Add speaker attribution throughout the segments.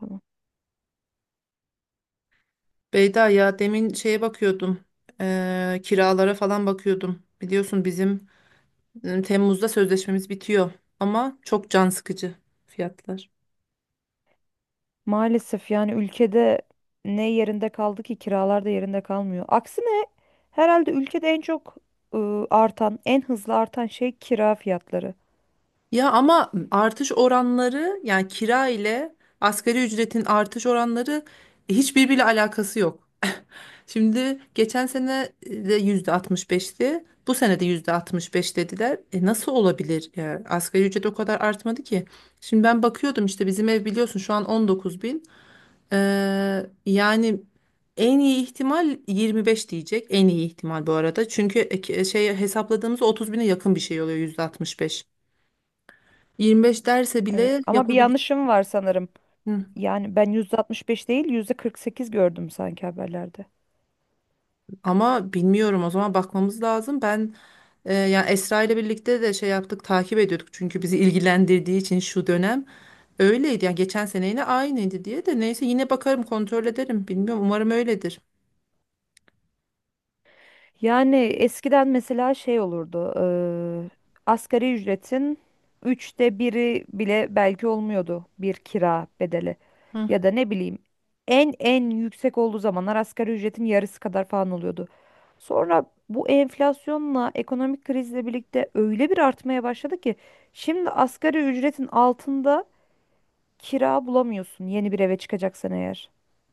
Speaker 1: Tamam.
Speaker 2: Beyda ya demin şeye bakıyordum. Kiralara falan bakıyordum. Biliyorsun bizim Temmuz'da sözleşmemiz bitiyor ama çok can sıkıcı fiyatlar.
Speaker 1: Maalesef yani ülkede ne yerinde kaldı ki kiralar da yerinde kalmıyor. Aksine herhalde ülkede en çok artan, en hızlı artan şey kira fiyatları.
Speaker 2: Ya ama artış oranları yani kira ile asgari ücretin artış oranları hiçbirbiriyle alakası yok. Şimdi geçen sene de %65'ti. Bu sene de %65 dediler. E nasıl olabilir? Yani asgari ücret o kadar artmadı ki. Şimdi ben bakıyordum işte bizim ev biliyorsun şu an 19.000. Yani en iyi ihtimal 25 diyecek. En iyi ihtimal bu arada. Çünkü şey hesapladığımız 30 bine yakın bir şey oluyor %65. 25 derse
Speaker 1: Evet
Speaker 2: bile
Speaker 1: ama bir
Speaker 2: yapabilir.
Speaker 1: yanlışım var sanırım.
Speaker 2: Hı.
Speaker 1: Yani ben %65 değil %48 gördüm sanki haberlerde.
Speaker 2: Ama bilmiyorum o zaman bakmamız lazım. Yani Esra ile birlikte de şey yaptık takip ediyorduk. Çünkü bizi ilgilendirdiği için şu dönem öyleydi. Yani geçen sene yine aynıydı diye de neyse yine bakarım kontrol ederim. Bilmiyorum umarım öyledir.
Speaker 1: Yani eskiden mesela şey olurdu. Asgari ücretin üçte biri bile belki olmuyordu bir kira bedeli.
Speaker 2: Hı.
Speaker 1: Ya da ne bileyim en yüksek olduğu zamanlar asgari ücretin yarısı kadar falan oluyordu. Sonra bu enflasyonla ekonomik krizle birlikte öyle bir artmaya başladı ki şimdi asgari ücretin altında kira bulamıyorsun yeni bir eve çıkacaksan eğer.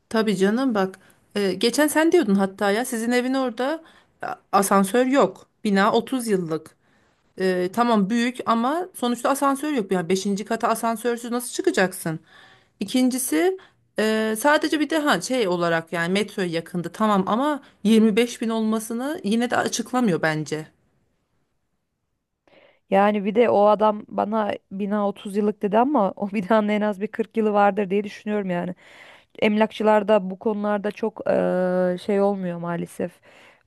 Speaker 2: Tabii canım bak. Geçen sen diyordun hatta ya sizin evin orada asansör yok. Bina 30 yıllık. E, tamam büyük ama sonuçta asansör yok. Yani beşinci kata asansörsüz nasıl çıkacaksın? İkincisi sadece bir de ha şey olarak yani metroya yakındı tamam ama 25 bin olmasını yine de açıklamıyor bence.
Speaker 1: Yani bir de o adam bana bina 30 yıllık dedi ama o binanın en az bir 40 yılı vardır diye düşünüyorum yani. Emlakçılar da bu konularda çok şey olmuyor maalesef.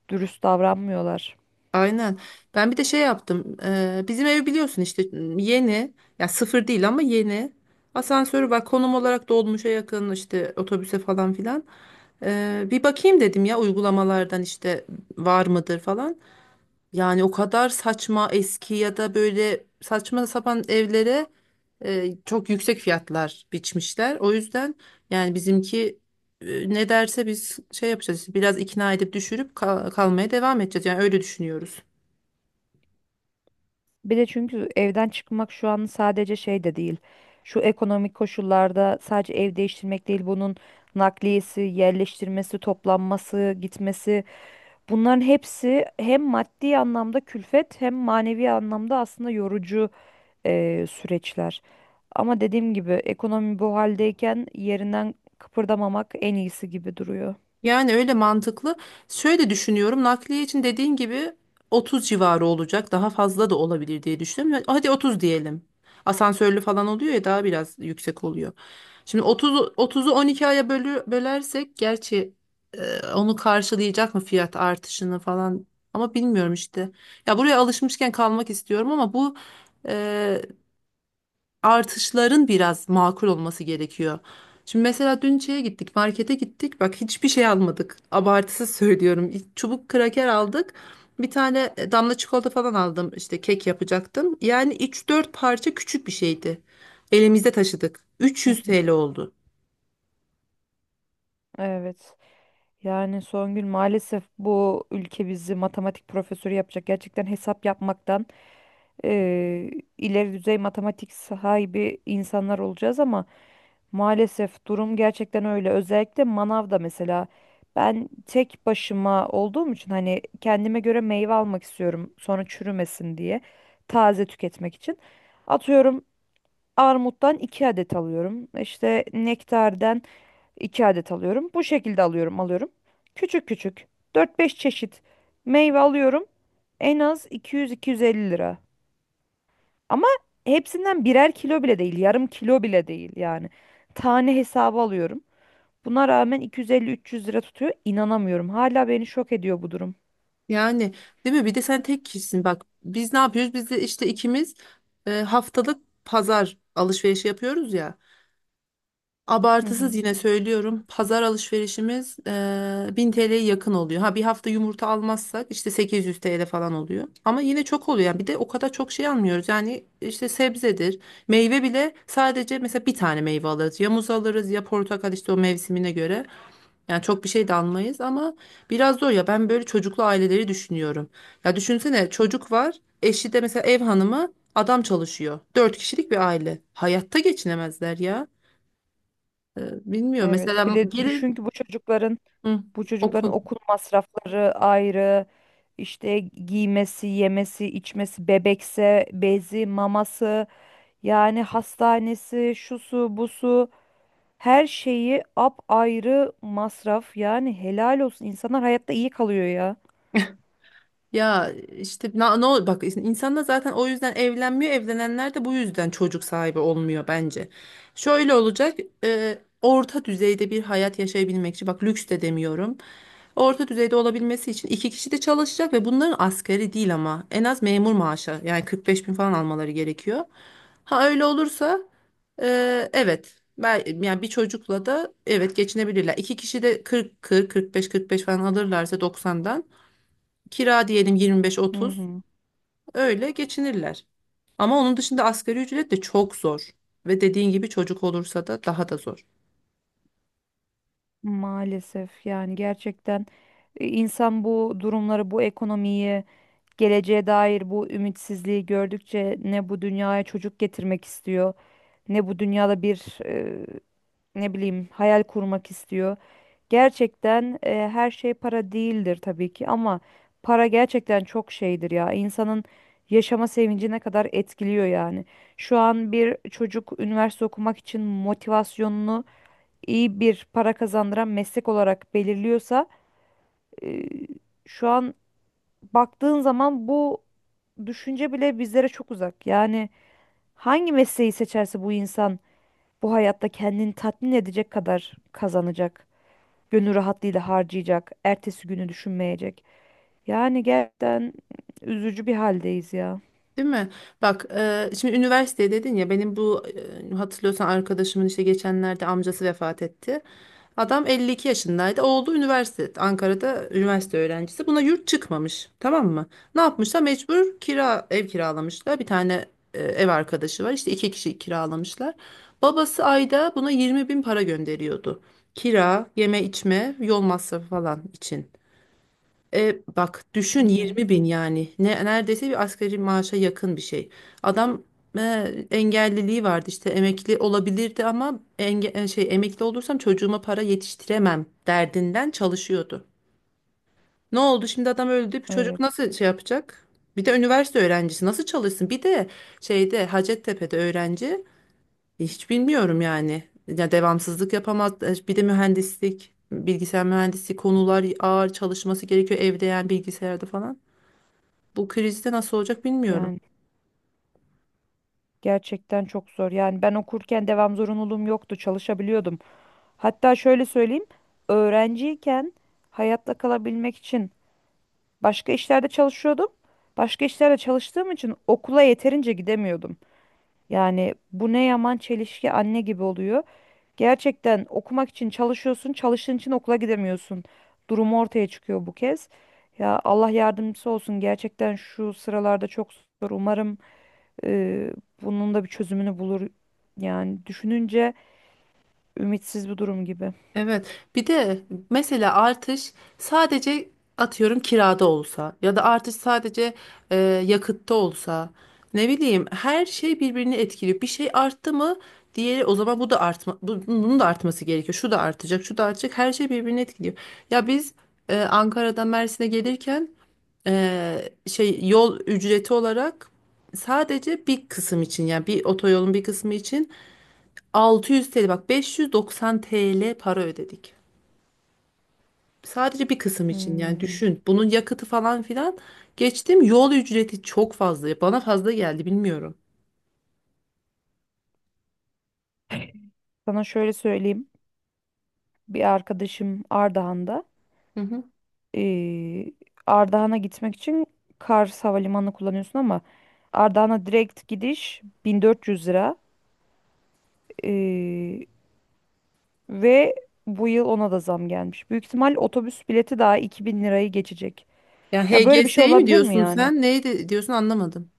Speaker 1: Dürüst davranmıyorlar.
Speaker 2: Aynen. Ben bir de şey yaptım. Bizim ev biliyorsun işte yeni. Ya sıfır değil ama yeni. Asansörü var. Konum olarak dolmuşa yakın işte otobüse falan filan. Bir bakayım dedim ya uygulamalardan işte var mıdır falan. Yani o kadar saçma eski ya da böyle saçma sapan evlere çok yüksek fiyatlar biçmişler. O yüzden yani bizimki ne derse biz şey yapacağız. Biraz ikna edip düşürüp kalmaya devam edeceğiz. Yani öyle düşünüyoruz.
Speaker 1: Bir de çünkü evden çıkmak şu an sadece şey de değil. Şu ekonomik koşullarda sadece ev değiştirmek değil bunun nakliyesi, yerleştirmesi, toplanması, gitmesi bunların hepsi hem maddi anlamda külfet hem manevi anlamda aslında yorucu süreçler. Ama dediğim gibi ekonomi bu haldeyken yerinden kıpırdamamak en iyisi gibi duruyor.
Speaker 2: Yani öyle mantıklı. Şöyle düşünüyorum. Nakliye için dediğin gibi 30 civarı olacak. Daha fazla da olabilir diye düşünüyorum. Hadi 30 diyelim. Asansörlü falan oluyor ya daha biraz yüksek oluyor. Şimdi 30, 30'u 12 aya bölersek gerçi onu karşılayacak mı fiyat artışını falan ama bilmiyorum işte. Ya buraya alışmışken kalmak istiyorum ama bu e, artışların biraz makul olması gerekiyor. Şimdi mesela dün markete gittik. Bak hiçbir şey almadık. Abartısız söylüyorum. Çubuk kraker aldık. Bir tane damla çikolata falan aldım. İşte kek yapacaktım. Yani üç dört parça küçük bir şeydi. Elimizde taşıdık.
Speaker 1: Hı
Speaker 2: 300
Speaker 1: hı,
Speaker 2: TL oldu.
Speaker 1: evet. Yani Songül maalesef bu ülke bizi matematik profesörü yapacak. Gerçekten hesap yapmaktan eee, ileri düzey matematik sahibi insanlar olacağız ama maalesef durum gerçekten öyle. Özellikle manavda mesela ben tek başıma olduğum için hani kendime göre meyve almak istiyorum sonra çürümesin diye taze tüketmek için. Atıyorum armuttan 2 adet alıyorum. İşte nektardan 2 adet alıyorum. Bu şekilde alıyorum, alıyorum. Küçük küçük dört beş çeşit meyve alıyorum. En az 200-250 lira. Ama hepsinden birer kilo bile değil, yarım kilo bile değil yani. Tane hesabı alıyorum. Buna rağmen 250-300 lira tutuyor. İnanamıyorum. Hala beni şok ediyor bu durum.
Speaker 2: Yani değil mi? Bir de sen tek kişisin. Bak biz ne yapıyoruz? Biz de işte ikimiz haftalık pazar alışverişi yapıyoruz ya.
Speaker 1: Hı
Speaker 2: Abartısız
Speaker 1: hı.
Speaker 2: yine söylüyorum. Pazar alışverişimiz 1000 TL'ye yakın oluyor. Ha bir hafta yumurta almazsak işte 800 TL falan oluyor. Ama yine çok oluyor. Yani bir de o kadar çok şey almıyoruz. Yani işte sebzedir. Meyve bile sadece mesela bir tane meyve alırız. Ya muz alırız ya portakal işte o mevsimine göre. Yani çok bir şey de almayız ama biraz zor ya. Ben böyle çocuklu aileleri düşünüyorum. Ya düşünsene çocuk var. Eşi de mesela ev hanımı adam çalışıyor. Dört kişilik bir aile. Hayatta geçinemezler ya. Ee, Bilmiyorum.
Speaker 1: Evet. Bir
Speaker 2: Mesela
Speaker 1: de
Speaker 2: gelin.
Speaker 1: düşün ki bu çocukların
Speaker 2: Hı,
Speaker 1: bu çocukların
Speaker 2: okul.
Speaker 1: okul masrafları ayrı. İşte giymesi, yemesi, içmesi, bebekse bezi, maması. Yani hastanesi, şusu, busu her şeyi apayrı masraf. Yani helal olsun. İnsanlar hayatta iyi kalıyor ya.
Speaker 2: Ya işte ne ol bak insanlar zaten o yüzden evlenmiyor. Evlenenler de bu yüzden çocuk sahibi olmuyor bence. Şöyle olacak. Orta düzeyde bir hayat yaşayabilmek için bak lüks de demiyorum. Orta düzeyde olabilmesi için iki kişi de çalışacak ve bunların asgari değil ama en az memur maaşı yani 45 bin falan almaları gerekiyor. Ha öyle olursa evet ben, yani bir çocukla da evet geçinebilirler. İki kişi de 40 40 45 45 falan alırlarsa 90'dan, kira diyelim
Speaker 1: Hı
Speaker 2: 25-30,
Speaker 1: hı.
Speaker 2: öyle geçinirler. Ama onun dışında asgari ücret de çok zor. Ve dediğin gibi çocuk olursa da daha da zor.
Speaker 1: Maalesef yani gerçekten insan bu durumları, bu ekonomiyi, geleceğe dair bu ümitsizliği gördükçe ne bu dünyaya çocuk getirmek istiyor, ne bu dünyada bir ne bileyim hayal kurmak istiyor. Gerçekten her şey para değildir tabii ki ama para gerçekten çok şeydir ya. İnsanın yaşama sevincine kadar etkiliyor yani. Şu an bir çocuk üniversite okumak için motivasyonunu iyi bir para kazandıran meslek olarak belirliyorsa e, şu an baktığın zaman bu düşünce bile bizlere çok uzak. Yani hangi mesleği seçerse bu insan bu hayatta kendini tatmin edecek kadar kazanacak gönül rahatlığıyla harcayacak, ertesi günü düşünmeyecek. Yani gerçekten üzücü bir haldeyiz ya.
Speaker 2: Değil mi? Bak, şimdi üniversite dedin ya benim bu hatırlıyorsan arkadaşımın işte geçenlerde amcası vefat etti. Adam 52 yaşındaydı. Oğlu üniversite Ankara'da üniversite öğrencisi. Buna yurt çıkmamış. Tamam mı? Ne yapmışlar? Mecbur kira ev kiralamışlar. Bir tane ev arkadaşı var. İşte iki kişi kiralamışlar. Babası ayda buna 20 bin para gönderiyordu. Kira, yeme içme, yol masrafı falan için. E, bak
Speaker 1: Hı
Speaker 2: düşün
Speaker 1: hı,
Speaker 2: 20 bin yani ne, neredeyse bir asgari maaşa yakın bir şey. Adam e, engelliliği vardı işte emekli olabilirdi ama şey emekli olursam çocuğuma para yetiştiremem derdinden çalışıyordu. Ne oldu şimdi adam öldü bir çocuk
Speaker 1: evet.
Speaker 2: nasıl şey yapacak? Bir de üniversite öğrencisi nasıl çalışsın? Bir de şeyde Hacettepe'de öğrenci hiç bilmiyorum yani. Ya devamsızlık yapamaz. E, bir de mühendislik, bilgisayar mühendisliği konular ağır çalışması gerekiyor evde yani bilgisayarda falan. Bu krizde nasıl olacak bilmiyorum.
Speaker 1: Yani gerçekten çok zor. Yani ben okurken devam zorunluluğum yoktu, çalışabiliyordum. Hatta şöyle söyleyeyim, öğrenciyken hayatta kalabilmek için başka işlerde çalışıyordum. Başka işlerde çalıştığım için okula yeterince gidemiyordum. Yani bu ne yaman çelişki anne gibi oluyor. Gerçekten okumak için çalışıyorsun, çalıştığın için okula gidemiyorsun. Durumu ortaya çıkıyor bu kez. Ya Allah yardımcısı olsun. Gerçekten şu sıralarda çok zor. Umarım e, bunun da bir çözümünü bulur. Yani düşününce ümitsiz bir durum gibi.
Speaker 2: Evet. Bir de mesela artış sadece atıyorum kirada olsa ya da artış sadece e, yakıtta olsa ne bileyim her şey birbirini etkiliyor. Bir şey arttı mı diğeri o zaman bu da artma bunun da artması gerekiyor. Şu da artacak, şu da artacak. Her şey birbirini etkiliyor. Ya biz Ankara'dan Mersin'e gelirken e, şey yol ücreti olarak sadece bir kısım için yani bir otoyolun bir kısmı için 600 TL, bak 590 TL para ödedik. Sadece bir kısım için yani
Speaker 1: Hmm.
Speaker 2: düşün. Bunun yakıtı falan filan geçtim. Yol ücreti çok fazla. Bana fazla geldi bilmiyorum.
Speaker 1: Sana şöyle söyleyeyim. Bir arkadaşım Ardahan'da.
Speaker 2: Hı hı.
Speaker 1: E, Ardahan'a gitmek için Kars Havalimanı kullanıyorsun ama Ardahan'a direkt gidiş 1400 lira. E, Ve bu yıl ona da zam gelmiş. Büyük ihtimal otobüs bileti daha 2.000 lirayı geçecek.
Speaker 2: Ya
Speaker 1: Ya böyle bir şey
Speaker 2: HGS'yi mi
Speaker 1: olabilir mi
Speaker 2: diyorsun
Speaker 1: yani?
Speaker 2: sen? Neydi diyorsun anlamadım.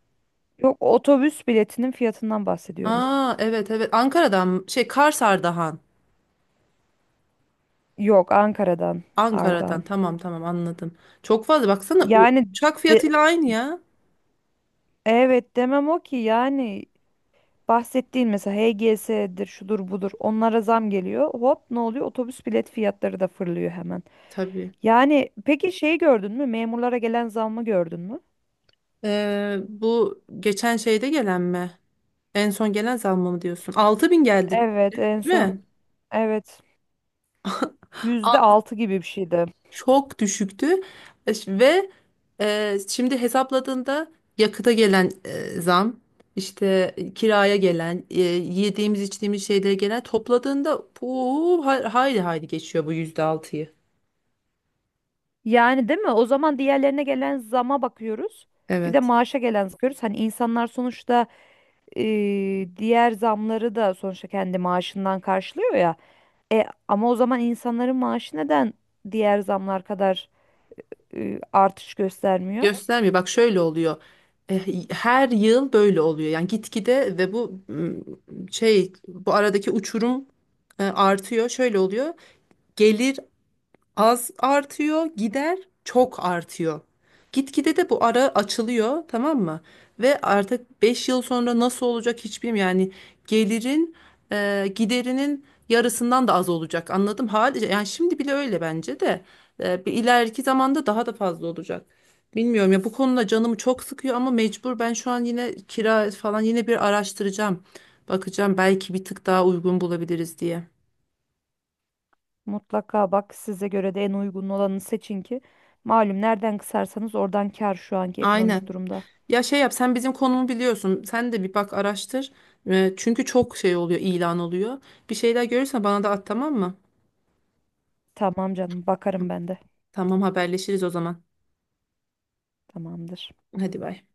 Speaker 1: Yok otobüs biletinin fiyatından bahsediyorum.
Speaker 2: Aa evet evet Ankara'dan şey Karsardahan.
Speaker 1: Yok Ankara'dan
Speaker 2: Ankara'dan
Speaker 1: Ardahan.
Speaker 2: tamam tamam anladım. Çok fazla baksana
Speaker 1: Yani
Speaker 2: uçak
Speaker 1: de-
Speaker 2: fiyatıyla aynı ya.
Speaker 1: evet demem o ki yani bahsettiğin mesela HGS'dir şudur budur onlara zam geliyor. Hop ne oluyor? Otobüs bilet fiyatları da fırlıyor hemen.
Speaker 2: Tabii.
Speaker 1: Yani peki şey gördün mü? Memurlara gelen zammı gördün mü?
Speaker 2: Bu geçen şeyde gelen mi? En son gelen zam mı diyorsun? Altı bin geldi
Speaker 1: Evet en
Speaker 2: değil
Speaker 1: son
Speaker 2: mi?
Speaker 1: evet %6 gibi bir şeydi.
Speaker 2: Çok düşüktü. Ve şimdi hesapladığında yakıta gelen zam, işte kiraya gelen, yediğimiz içtiğimiz şeylere gelen topladığında bu hayli hayli geçiyor bu yüzde altıyı.
Speaker 1: Yani değil mi? O zaman diğerlerine gelen zama bakıyoruz. Bir de
Speaker 2: Evet.
Speaker 1: maaşa gelen zam bakıyoruz. Hani insanlar sonuçta diğer zamları da sonuçta kendi maaşından karşılıyor ya. Ama o zaman insanların maaşı neden diğer zamlar kadar artış göstermiyor?
Speaker 2: Göstermiyor. Bak şöyle oluyor. E, her yıl böyle oluyor. Yani gitgide ve bu şey bu aradaki uçurum artıyor. Şöyle oluyor. Gelir az artıyor, gider çok artıyor. Gitgide de bu ara açılıyor, tamam mı? Ve artık 5 yıl sonra nasıl olacak hiç bilmiyorum. Yani gelirin giderinin yarısından da az olacak. Anladım. Hali, yani şimdi bile öyle bence de. E, bir ileriki zamanda daha da fazla olacak. Bilmiyorum ya bu konuda canımı çok sıkıyor ama mecbur ben şu an yine kira falan yine bir araştıracağım. Bakacağım belki bir tık daha uygun bulabiliriz diye.
Speaker 1: Mutlaka bak size göre de en uygun olanı seçin ki. Malum nereden kısarsanız oradan kar şu anki ekonomik
Speaker 2: Aynen.
Speaker 1: durumda.
Speaker 2: Ya şey yap sen bizim konumu biliyorsun. Sen de bir bak araştır. Çünkü çok şey oluyor, ilan oluyor. Bir şeyler görürsen bana da at tamam mı?
Speaker 1: Tamam canım bakarım ben de.
Speaker 2: Tamam haberleşiriz o zaman.
Speaker 1: Tamamdır.
Speaker 2: Hadi bay.